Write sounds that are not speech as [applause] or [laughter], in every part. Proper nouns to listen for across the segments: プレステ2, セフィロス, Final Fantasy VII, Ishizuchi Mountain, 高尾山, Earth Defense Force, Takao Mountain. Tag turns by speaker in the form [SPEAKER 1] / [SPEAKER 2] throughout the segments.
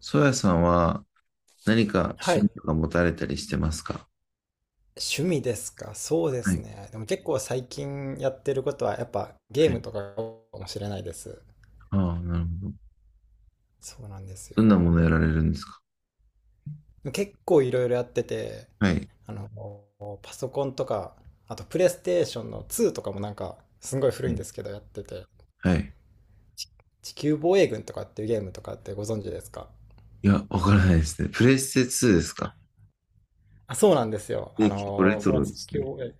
[SPEAKER 1] ソヤさんは何か
[SPEAKER 2] は
[SPEAKER 1] 趣
[SPEAKER 2] い。
[SPEAKER 1] 味とか持たれたりしてますか？
[SPEAKER 2] 趣味ですか。そうで
[SPEAKER 1] は
[SPEAKER 2] す
[SPEAKER 1] い。
[SPEAKER 2] ね。でも結構最近やってることはやっぱゲー
[SPEAKER 1] は
[SPEAKER 2] ム
[SPEAKER 1] い。
[SPEAKER 2] とかかもしれないです。
[SPEAKER 1] ああ、なるほど。
[SPEAKER 2] そうなんです
[SPEAKER 1] どんなも
[SPEAKER 2] よ。
[SPEAKER 1] のやられるんですか？
[SPEAKER 2] 結構いろいろやってて、
[SPEAKER 1] はい。
[SPEAKER 2] あの、パソコンとか、あとプレイステーションの2とかもなんかすごい古
[SPEAKER 1] は
[SPEAKER 2] いんで
[SPEAKER 1] い。
[SPEAKER 2] すけどやってて、
[SPEAKER 1] はい。
[SPEAKER 2] ち地球防衛軍とかっていうゲームとかってご存知ですか？
[SPEAKER 1] いや、わからないですね。プレステ2ですか？
[SPEAKER 2] あ、そうなんですよ。
[SPEAKER 1] え、結構レト
[SPEAKER 2] その
[SPEAKER 1] ロで
[SPEAKER 2] 地
[SPEAKER 1] す
[SPEAKER 2] 球
[SPEAKER 1] ね。
[SPEAKER 2] 防衛、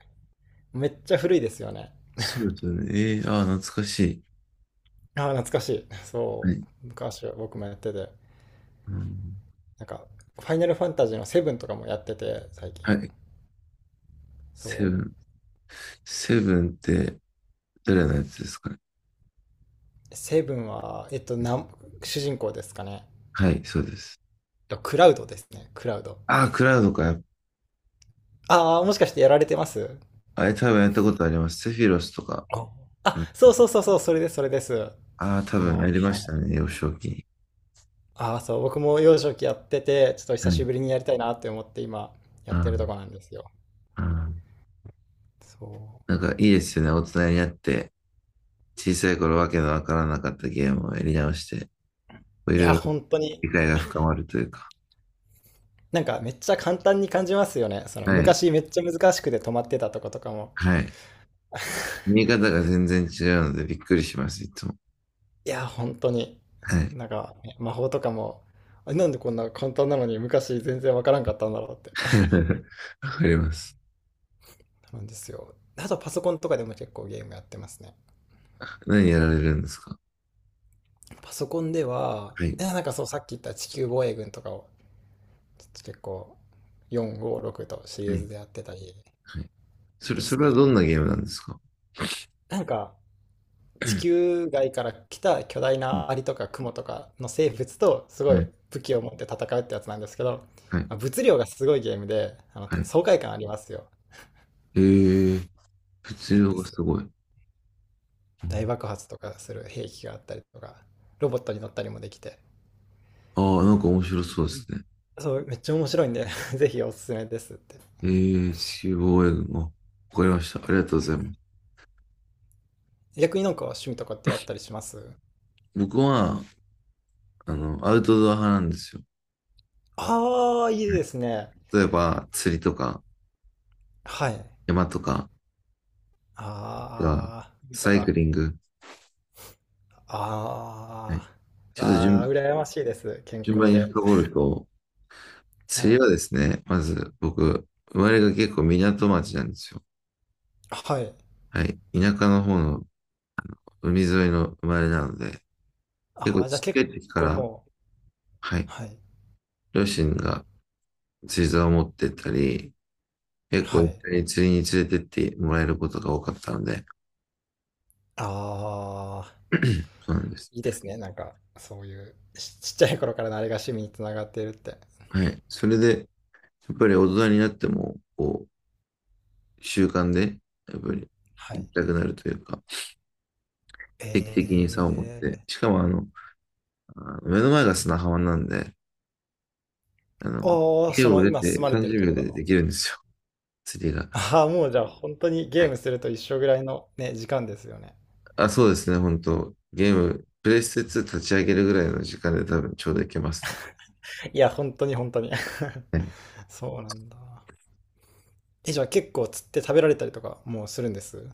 [SPEAKER 2] めっちゃ古いですよね。
[SPEAKER 1] そうですよね。ああ、懐かしい。
[SPEAKER 2] あー、懐かしい。
[SPEAKER 1] は
[SPEAKER 2] そ
[SPEAKER 1] い。
[SPEAKER 2] う。昔は僕もやってて。
[SPEAKER 1] うん、
[SPEAKER 2] なんか、ファイナルファンタジーのセブンとかもやってて、最近。
[SPEAKER 1] はい。セブ
[SPEAKER 2] そ
[SPEAKER 1] ン。セブンって誰のやつですかね？
[SPEAKER 2] う。セブンは、主人公ですかね。
[SPEAKER 1] はい、そうです。
[SPEAKER 2] いやクラウドですね。クラウド。
[SPEAKER 1] ああ、クラウドか。
[SPEAKER 2] ああ、もしかしてやられてます？
[SPEAKER 1] あれ多分やったことあります。セフィロスとか。
[SPEAKER 2] ああ、そうそうそうそう、それです、それです。
[SPEAKER 1] ああ、多分
[SPEAKER 2] は
[SPEAKER 1] やりました
[SPEAKER 2] い。
[SPEAKER 1] ね、幼少期に。
[SPEAKER 2] ああ、そう、僕も幼少期やってて、ちょっと
[SPEAKER 1] は
[SPEAKER 2] 久し
[SPEAKER 1] い。
[SPEAKER 2] ぶりにやりたいなって思って今、やってるとこ
[SPEAKER 1] あ
[SPEAKER 2] なんですよ。
[SPEAKER 1] あ、ああ、
[SPEAKER 2] そう。
[SPEAKER 1] なんかいいですよね。大人になって、小さい頃わけのわからなかったゲームをやり直して、こう、い
[SPEAKER 2] い
[SPEAKER 1] ろ
[SPEAKER 2] や、
[SPEAKER 1] いろ
[SPEAKER 2] 本当に、
[SPEAKER 1] 理解が深まるというか。
[SPEAKER 2] なんかめっちゃ簡単に感じますよね。その
[SPEAKER 1] はい。
[SPEAKER 2] 昔めっちゃ難しくて止まってたとことかも、
[SPEAKER 1] はい。見え方が全然違うのでびっくりします、いつも。
[SPEAKER 2] いや、本当に。
[SPEAKER 1] はい。
[SPEAKER 2] なんか、魔法とかも、あ、なんでこんな簡単なのに昔全然わからんかったんだろうって。
[SPEAKER 1] [laughs] わかります。
[SPEAKER 2] [laughs] なんですよ。あとパソコンとかでも結構ゲームやってますね。
[SPEAKER 1] 何やられるんですか？
[SPEAKER 2] パソコンでは、
[SPEAKER 1] はい。
[SPEAKER 2] いやなんかそうさっき言った地球防衛軍とかをちょっと結構456とシリ
[SPEAKER 1] は
[SPEAKER 2] ー
[SPEAKER 1] い。
[SPEAKER 2] ズでやってたり
[SPEAKER 1] はい。それ、
[SPEAKER 2] で
[SPEAKER 1] そ
[SPEAKER 2] す
[SPEAKER 1] れ
[SPEAKER 2] ね。
[SPEAKER 1] はどんなゲームなんですか？
[SPEAKER 2] なんか地球外から来た巨大なアリとかクモとかの生物とすご
[SPEAKER 1] は
[SPEAKER 2] い
[SPEAKER 1] い。
[SPEAKER 2] 武器を持って戦うってやつなんですけど、
[SPEAKER 1] はい。
[SPEAKER 2] まあ物量がすごいゲームであの
[SPEAKER 1] はい。
[SPEAKER 2] 爽快感ありますよ。
[SPEAKER 1] えー、
[SPEAKER 2] そ
[SPEAKER 1] 物
[SPEAKER 2] うなん
[SPEAKER 1] 量
[SPEAKER 2] で
[SPEAKER 1] が
[SPEAKER 2] すよ。
[SPEAKER 1] すごい。
[SPEAKER 2] 大爆発とかする兵器があったりとか、ロボットに乗ったりもできて、
[SPEAKER 1] ああー、なんか面白そうですね。
[SPEAKER 2] そう、めっちゃ面白いんで [laughs] ぜひおすすめですって。
[SPEAKER 1] 中央英語。わかりました。ありがとうございます。
[SPEAKER 2] 逆になんか趣味とかってあったりします？
[SPEAKER 1] 僕は、アウトドア派なんですよ。
[SPEAKER 2] ああー、いい
[SPEAKER 1] は
[SPEAKER 2] ですね。
[SPEAKER 1] い。例えば、釣りとか、
[SPEAKER 2] はい。
[SPEAKER 1] 山とかが、
[SPEAKER 2] ああ、趣味と
[SPEAKER 1] サイク
[SPEAKER 2] か。
[SPEAKER 1] リング。は
[SPEAKER 2] あ
[SPEAKER 1] い。
[SPEAKER 2] あ、
[SPEAKER 1] ちょっと
[SPEAKER 2] ああ、羨ましいです。健
[SPEAKER 1] 順番
[SPEAKER 2] 康
[SPEAKER 1] に
[SPEAKER 2] で。
[SPEAKER 1] 深掘ると、
[SPEAKER 2] は
[SPEAKER 1] 釣り
[SPEAKER 2] い。
[SPEAKER 1] はですね、まず僕、生まれが結構港町なんですよ。
[SPEAKER 2] はい。
[SPEAKER 1] はい。田舎の方の海沿いの生まれなので、結
[SPEAKER 2] あ
[SPEAKER 1] 構
[SPEAKER 2] あ、じゃあ
[SPEAKER 1] ちっちゃ
[SPEAKER 2] 結
[SPEAKER 1] い時か
[SPEAKER 2] 構
[SPEAKER 1] ら、
[SPEAKER 2] もう、
[SPEAKER 1] はい。
[SPEAKER 2] はい。
[SPEAKER 1] 両親が釣り竿を持ってったり、結構
[SPEAKER 2] は
[SPEAKER 1] 一
[SPEAKER 2] い。
[SPEAKER 1] 緒に釣りに連れてってもらえることが多かったので、
[SPEAKER 2] ああ、
[SPEAKER 1] そうなんです。
[SPEAKER 2] いいですね。なんか、そういう、[laughs] ちっちゃい頃からのあれが趣味につながっているって。
[SPEAKER 1] はい。それで、やっぱり大人になっても、こう、習慣で、やっぱり
[SPEAKER 2] は
[SPEAKER 1] 行
[SPEAKER 2] い。
[SPEAKER 1] きたくなるというか、
[SPEAKER 2] え
[SPEAKER 1] 定期的に竿を持って、
[SPEAKER 2] ー、
[SPEAKER 1] しかも目の前が砂浜なんで、あの、
[SPEAKER 2] おー、
[SPEAKER 1] 家
[SPEAKER 2] そ
[SPEAKER 1] を
[SPEAKER 2] の
[SPEAKER 1] 出
[SPEAKER 2] 今住
[SPEAKER 1] て
[SPEAKER 2] まれてる
[SPEAKER 1] 30
[SPEAKER 2] と
[SPEAKER 1] 秒
[SPEAKER 2] ころ
[SPEAKER 1] で
[SPEAKER 2] の。
[SPEAKER 1] できるんですよ、釣りが。
[SPEAKER 2] ああ、もうじゃあ本当に
[SPEAKER 1] は
[SPEAKER 2] ゲーム
[SPEAKER 1] い。
[SPEAKER 2] すると一緒ぐらいのね、時間ですよね。
[SPEAKER 1] あ、そうですね、本当、ゲーム、プレイステツー立ち上げるぐらいの時間で多分ちょうどいけますね。
[SPEAKER 2] いや、本当に本当に
[SPEAKER 1] はい。
[SPEAKER 2] [laughs] そうなんだ。え、じゃあ結構釣って食べられたりとかもうするんです？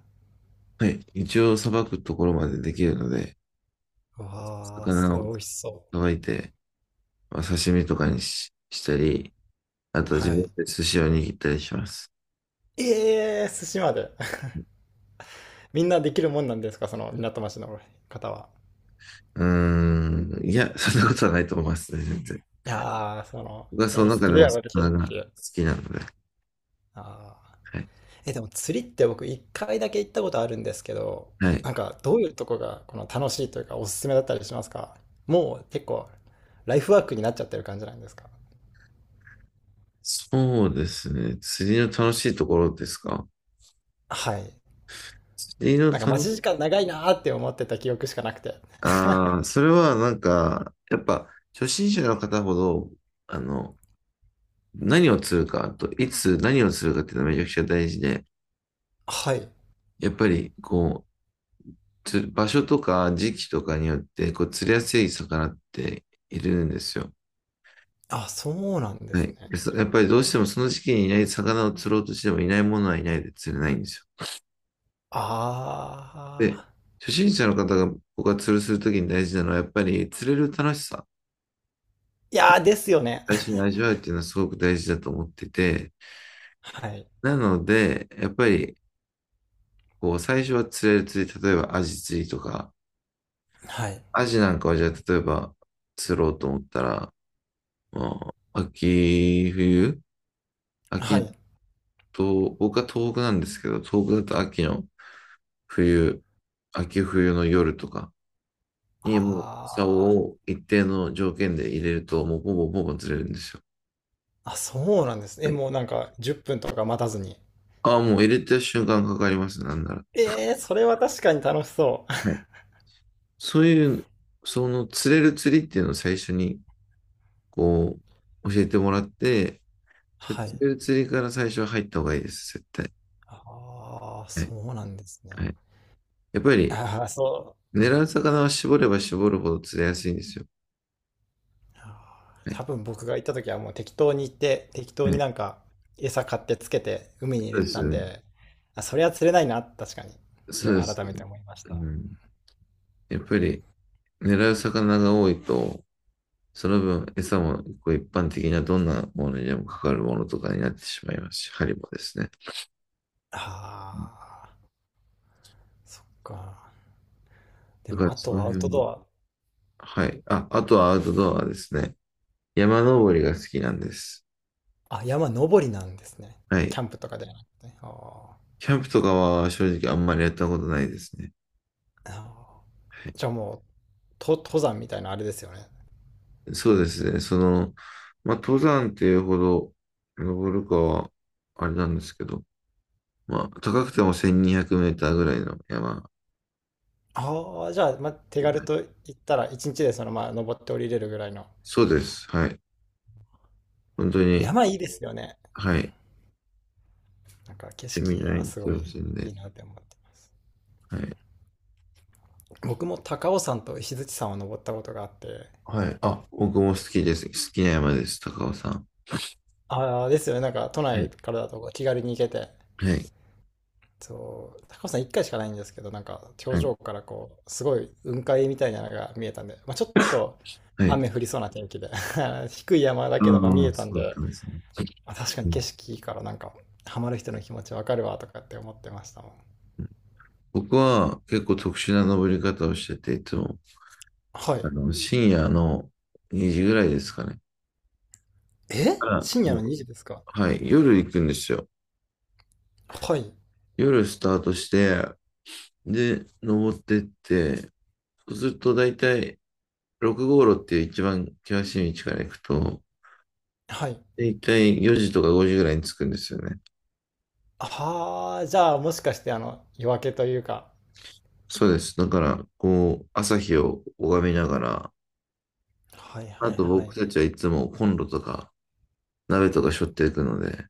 [SPEAKER 1] はい。一応、さばくところまでできるので、
[SPEAKER 2] わあ、す
[SPEAKER 1] 魚
[SPEAKER 2] ごい
[SPEAKER 1] を
[SPEAKER 2] 美味しそ
[SPEAKER 1] さばいて、まあ刺身とかしたり、あ
[SPEAKER 2] う。
[SPEAKER 1] と自
[SPEAKER 2] は
[SPEAKER 1] 分
[SPEAKER 2] い。
[SPEAKER 1] で寿司を握ったりします。
[SPEAKER 2] えー、寿司まで。[laughs] みんなできるもんなんですかその港町の方は？
[SPEAKER 1] うーん。いや、[laughs] そんなことはないと思いますね、全然。
[SPEAKER 2] いやー、
[SPEAKER 1] 僕はそ
[SPEAKER 2] お好
[SPEAKER 1] の中
[SPEAKER 2] き
[SPEAKER 1] で
[SPEAKER 2] で
[SPEAKER 1] も
[SPEAKER 2] やられてる
[SPEAKER 1] 魚が
[SPEAKER 2] っ
[SPEAKER 1] 好
[SPEAKER 2] ていう。
[SPEAKER 1] きなので。
[SPEAKER 2] ああ。
[SPEAKER 1] はい。
[SPEAKER 2] え、でも釣りって僕一回だけ行ったことあるんですけど、
[SPEAKER 1] はい。
[SPEAKER 2] なんかどういうとこがこの楽しいというかおすすめだったりしますか？もう結構ライフワークになっちゃってる感じなんですか？
[SPEAKER 1] そうですね。釣りの楽しいところですか？
[SPEAKER 2] はい。
[SPEAKER 1] 釣りの
[SPEAKER 2] なんか待
[SPEAKER 1] 楽
[SPEAKER 2] ち
[SPEAKER 1] し、
[SPEAKER 2] 時間長いなーって思ってた記憶しかなくて。
[SPEAKER 1] ああ、それはなんか、やっぱ、初心者の方ほど、あの、何を釣るかと、いつ何を釣るかっていうのはめちゃくちゃ大事で、
[SPEAKER 2] [laughs] はい。
[SPEAKER 1] やっぱり、こう、釣場所とか時期とかによって、こう、釣りやすい魚っているんですよ。
[SPEAKER 2] あ、そうなんで
[SPEAKER 1] は
[SPEAKER 2] す
[SPEAKER 1] い。
[SPEAKER 2] ね。
[SPEAKER 1] やっぱりどうしてもその時期にいない魚を釣ろうとしてもいないものはいないで釣れないんですよ。
[SPEAKER 2] あ
[SPEAKER 1] で、
[SPEAKER 2] あ。
[SPEAKER 1] 初心者の方が僕が釣るするときに大事なのはやっぱり釣れる楽しさ、
[SPEAKER 2] いやーですよね。
[SPEAKER 1] 最初に味わうっていうのはすごく大事だと思ってて、
[SPEAKER 2] [laughs] はい。
[SPEAKER 1] なので、やっぱりこう最初は釣れる釣り、例えばアジ釣りとか、
[SPEAKER 2] はい。
[SPEAKER 1] アジなんかはじゃあ例えば釣ろうと思ったら、まあ、秋冬、
[SPEAKER 2] は
[SPEAKER 1] 秋
[SPEAKER 2] い。
[SPEAKER 1] と、僕は東北なんですけど、東北だと秋の冬、秋冬の夜とか、にもう
[SPEAKER 2] あ
[SPEAKER 1] 竿を一定の条件で入れると、もうボボボボずれるんですよ。
[SPEAKER 2] あ。あ、そうなんですね。
[SPEAKER 1] は
[SPEAKER 2] え、
[SPEAKER 1] い。
[SPEAKER 2] もうなんか10分とか待たずに。
[SPEAKER 1] ああ、もう入れた瞬間かかりますね、なんなら。
[SPEAKER 2] えー、それは確かに楽しそう。
[SPEAKER 1] はい。そういう、その釣れる釣りっていうのを最初に、こう、教えてもらって、
[SPEAKER 2] [laughs]
[SPEAKER 1] 釣
[SPEAKER 2] はい。
[SPEAKER 1] れる釣りから最初は入った方がいいです、絶対。
[SPEAKER 2] ああ、
[SPEAKER 1] はい。
[SPEAKER 2] そうなんですね。
[SPEAKER 1] はい。やっぱり、
[SPEAKER 2] ああ、そう。う
[SPEAKER 1] 狙
[SPEAKER 2] ん。
[SPEAKER 1] う魚は絞れば絞るほど釣れやすいんですよ。
[SPEAKER 2] あ
[SPEAKER 1] は
[SPEAKER 2] ー、
[SPEAKER 1] い。
[SPEAKER 2] 多分僕が行った時はもう適当に行って、適当
[SPEAKER 1] は
[SPEAKER 2] に
[SPEAKER 1] い。
[SPEAKER 2] なんか餌買ってつけて海
[SPEAKER 1] そ
[SPEAKER 2] に入れ
[SPEAKER 1] うで
[SPEAKER 2] て
[SPEAKER 1] す
[SPEAKER 2] た
[SPEAKER 1] よ
[SPEAKER 2] ん
[SPEAKER 1] ね。
[SPEAKER 2] で、あ、それは釣れないな、確かに。い
[SPEAKER 1] そ
[SPEAKER 2] や、
[SPEAKER 1] うです。
[SPEAKER 2] 改めて思いまし
[SPEAKER 1] う
[SPEAKER 2] た。
[SPEAKER 1] ん。やっぱり、狙う魚が多いと、その分、餌もこう一般的などんなものにでもかかるものとかになってしまいますし、針もですね。
[SPEAKER 2] ああ、そっか。で
[SPEAKER 1] だか
[SPEAKER 2] も、
[SPEAKER 1] ら
[SPEAKER 2] あ
[SPEAKER 1] そ
[SPEAKER 2] と
[SPEAKER 1] の
[SPEAKER 2] はアウ
[SPEAKER 1] 辺
[SPEAKER 2] ト
[SPEAKER 1] は、
[SPEAKER 2] ドア。
[SPEAKER 1] はい。あ、あとはアウトドアですね。山登りが好きなんです。
[SPEAKER 2] あ、山登りなんですね。
[SPEAKER 1] は
[SPEAKER 2] キ
[SPEAKER 1] い。
[SPEAKER 2] ャンプとかではなくて。あ
[SPEAKER 1] キャンプとかは正直あんまりやったことないですね。
[SPEAKER 2] ーあ
[SPEAKER 1] はい。
[SPEAKER 2] ー。じゃあもう、登山みたいなあれですよね。
[SPEAKER 1] そうですね。その、まあ、登山っていうほど登るかは、あれなんですけど、まあ、高くても1200メーターぐらいの山。
[SPEAKER 2] ああ、じゃあ、まあ、手軽と言ったら、一日でまあ登って降りれるぐらいの。
[SPEAKER 1] そうです。はい。本当に、
[SPEAKER 2] 山いいですよね。
[SPEAKER 1] はい。
[SPEAKER 2] なんか景
[SPEAKER 1] セミ
[SPEAKER 2] 色
[SPEAKER 1] ナー
[SPEAKER 2] は
[SPEAKER 1] 行っ
[SPEAKER 2] す
[SPEAKER 1] て
[SPEAKER 2] ごい
[SPEAKER 1] ません
[SPEAKER 2] い
[SPEAKER 1] で、
[SPEAKER 2] いなって思ってます。
[SPEAKER 1] はい。
[SPEAKER 2] 僕も高尾山と石鎚山を登ったことがあって、
[SPEAKER 1] はい。あ、僕も好きです。好きな山です、高尾さん。
[SPEAKER 2] ああ、ですよね。なんか都
[SPEAKER 1] は
[SPEAKER 2] 内
[SPEAKER 1] い。
[SPEAKER 2] からだと気軽に行けて。
[SPEAKER 1] はい。
[SPEAKER 2] そう、高尾山1回しかないんですけど、なんか頂
[SPEAKER 1] はい。
[SPEAKER 2] 上からすごい雲海みたいなのが見えたんで、まあ、ちょっと
[SPEAKER 1] はい。
[SPEAKER 2] 雨降りそうな天気で [laughs] 低い山だけどが見
[SPEAKER 1] ああ、
[SPEAKER 2] えたん
[SPEAKER 1] そうだっ
[SPEAKER 2] で、
[SPEAKER 1] たんですね。
[SPEAKER 2] まあ、確かに
[SPEAKER 1] うん、
[SPEAKER 2] 景色いいからなんか、ハマる人の気持ちわかるわとかって思ってましたもん。
[SPEAKER 1] 僕は結構特殊な登り方をしてて、いつも、
[SPEAKER 2] はい。
[SPEAKER 1] 深夜の2時ぐらいですかね。か
[SPEAKER 2] え、
[SPEAKER 1] ら、
[SPEAKER 2] 深
[SPEAKER 1] う
[SPEAKER 2] 夜
[SPEAKER 1] ん、
[SPEAKER 2] の2時ですか？
[SPEAKER 1] はい。夜行くんですよ。
[SPEAKER 2] はい。
[SPEAKER 1] 夜スタートして、で、登ってって、そうすると大体6号路っていう一番険しい道から行くと、
[SPEAKER 2] はい。
[SPEAKER 1] 大体4時とか5時ぐらいに着くんですよね。
[SPEAKER 2] はあ、じゃあもしかしてあの夜明けというか。
[SPEAKER 1] そうです。だから、こう、朝日を拝みながら、
[SPEAKER 2] はい
[SPEAKER 1] あ
[SPEAKER 2] はい
[SPEAKER 1] と
[SPEAKER 2] は
[SPEAKER 1] 僕
[SPEAKER 2] い。
[SPEAKER 1] たちはいつもコンロとか鍋とか背負っていくので、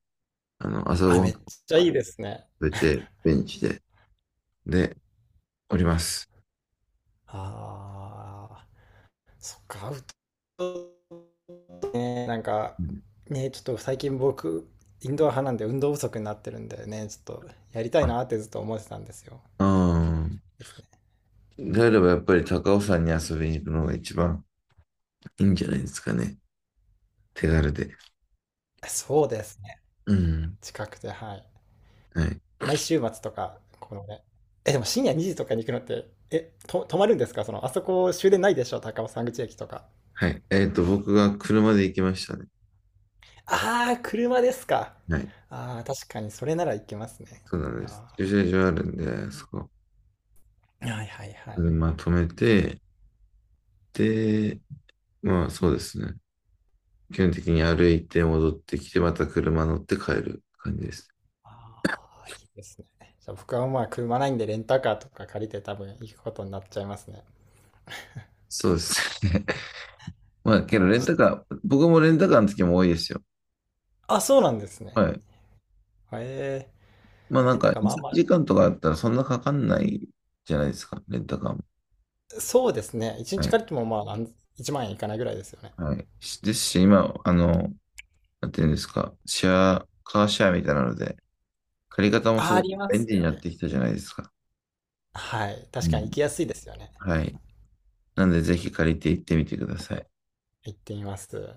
[SPEAKER 1] 朝ご
[SPEAKER 2] あ、
[SPEAKER 1] はん
[SPEAKER 2] めっ
[SPEAKER 1] 食
[SPEAKER 2] ちゃいいですね。
[SPEAKER 1] べて、ベンチで、で、おります。
[SPEAKER 2] ああ、そっか、アウトドアね。なんか、
[SPEAKER 1] うん、
[SPEAKER 2] ね、ちょっと最近僕、インドア派なんで運動不足になってるんでね、ちょっとやりたい
[SPEAKER 1] あ、
[SPEAKER 2] なってずっと思ってたんですよ。
[SPEAKER 1] うん。
[SPEAKER 2] ですね。
[SPEAKER 1] であればやっぱり高尾山に遊びに行くのが一番いいんじゃないですかね。手軽で。
[SPEAKER 2] そうですね。
[SPEAKER 1] うん。
[SPEAKER 2] 近くて、はい。
[SPEAKER 1] はい。
[SPEAKER 2] 毎週末とか、このね。え、でも深夜2時とかに行くのって、泊まるんですか？あそこ終電ないでしょ高尾山口駅とか。
[SPEAKER 1] はい。僕が車で行きましたね。
[SPEAKER 2] ああ、車ですか。
[SPEAKER 1] はい。
[SPEAKER 2] ああ、確かにそれならいけますね。
[SPEAKER 1] そうなんです。
[SPEAKER 2] あ
[SPEAKER 1] 駐車場あるんで、そこ、
[SPEAKER 2] ー、はいはいはい。
[SPEAKER 1] 車止めて、で、まあそうですね。基本的に歩いて戻ってきて、また車乗って帰る感じです。
[SPEAKER 2] ああ、いいですね。じゃあ僕はまあ車ないんでレンタカーとか借りて多分行くことになっちゃいますね。
[SPEAKER 1] そうですね。[laughs] まあ、けど
[SPEAKER 2] あー、
[SPEAKER 1] レン
[SPEAKER 2] ち
[SPEAKER 1] タ
[SPEAKER 2] ょっ
[SPEAKER 1] カー、僕もレンタカーの時も多いですよ。
[SPEAKER 2] とあ、そうなんですね。
[SPEAKER 1] はい。
[SPEAKER 2] へえ、
[SPEAKER 1] まあなん
[SPEAKER 2] レンタ
[SPEAKER 1] か、
[SPEAKER 2] カーま
[SPEAKER 1] 1、
[SPEAKER 2] あ
[SPEAKER 1] 3
[SPEAKER 2] まあ、
[SPEAKER 1] 時間とかあったらそんなかかんないじゃないですか、レンタカーも。
[SPEAKER 2] そうですね。1
[SPEAKER 1] は
[SPEAKER 2] 日
[SPEAKER 1] い。
[SPEAKER 2] 借りてもまあ1万円いかないぐらいですよね。
[SPEAKER 1] はい。しですし、今、なんていうんですか、シェア、カーシェアみたいなので、借り方もす
[SPEAKER 2] あー、
[SPEAKER 1] ご
[SPEAKER 2] あ
[SPEAKER 1] く
[SPEAKER 2] りま
[SPEAKER 1] 便
[SPEAKER 2] す
[SPEAKER 1] 利に
[SPEAKER 2] よ
[SPEAKER 1] なっ
[SPEAKER 2] ね。
[SPEAKER 1] てきたじゃないですか。
[SPEAKER 2] はい。確
[SPEAKER 1] う
[SPEAKER 2] か
[SPEAKER 1] ん。
[SPEAKER 2] に行きやすいですよね。
[SPEAKER 1] は
[SPEAKER 2] もう
[SPEAKER 1] い。なんで、ぜひ借りて行ってみてください。
[SPEAKER 2] 行ってみます。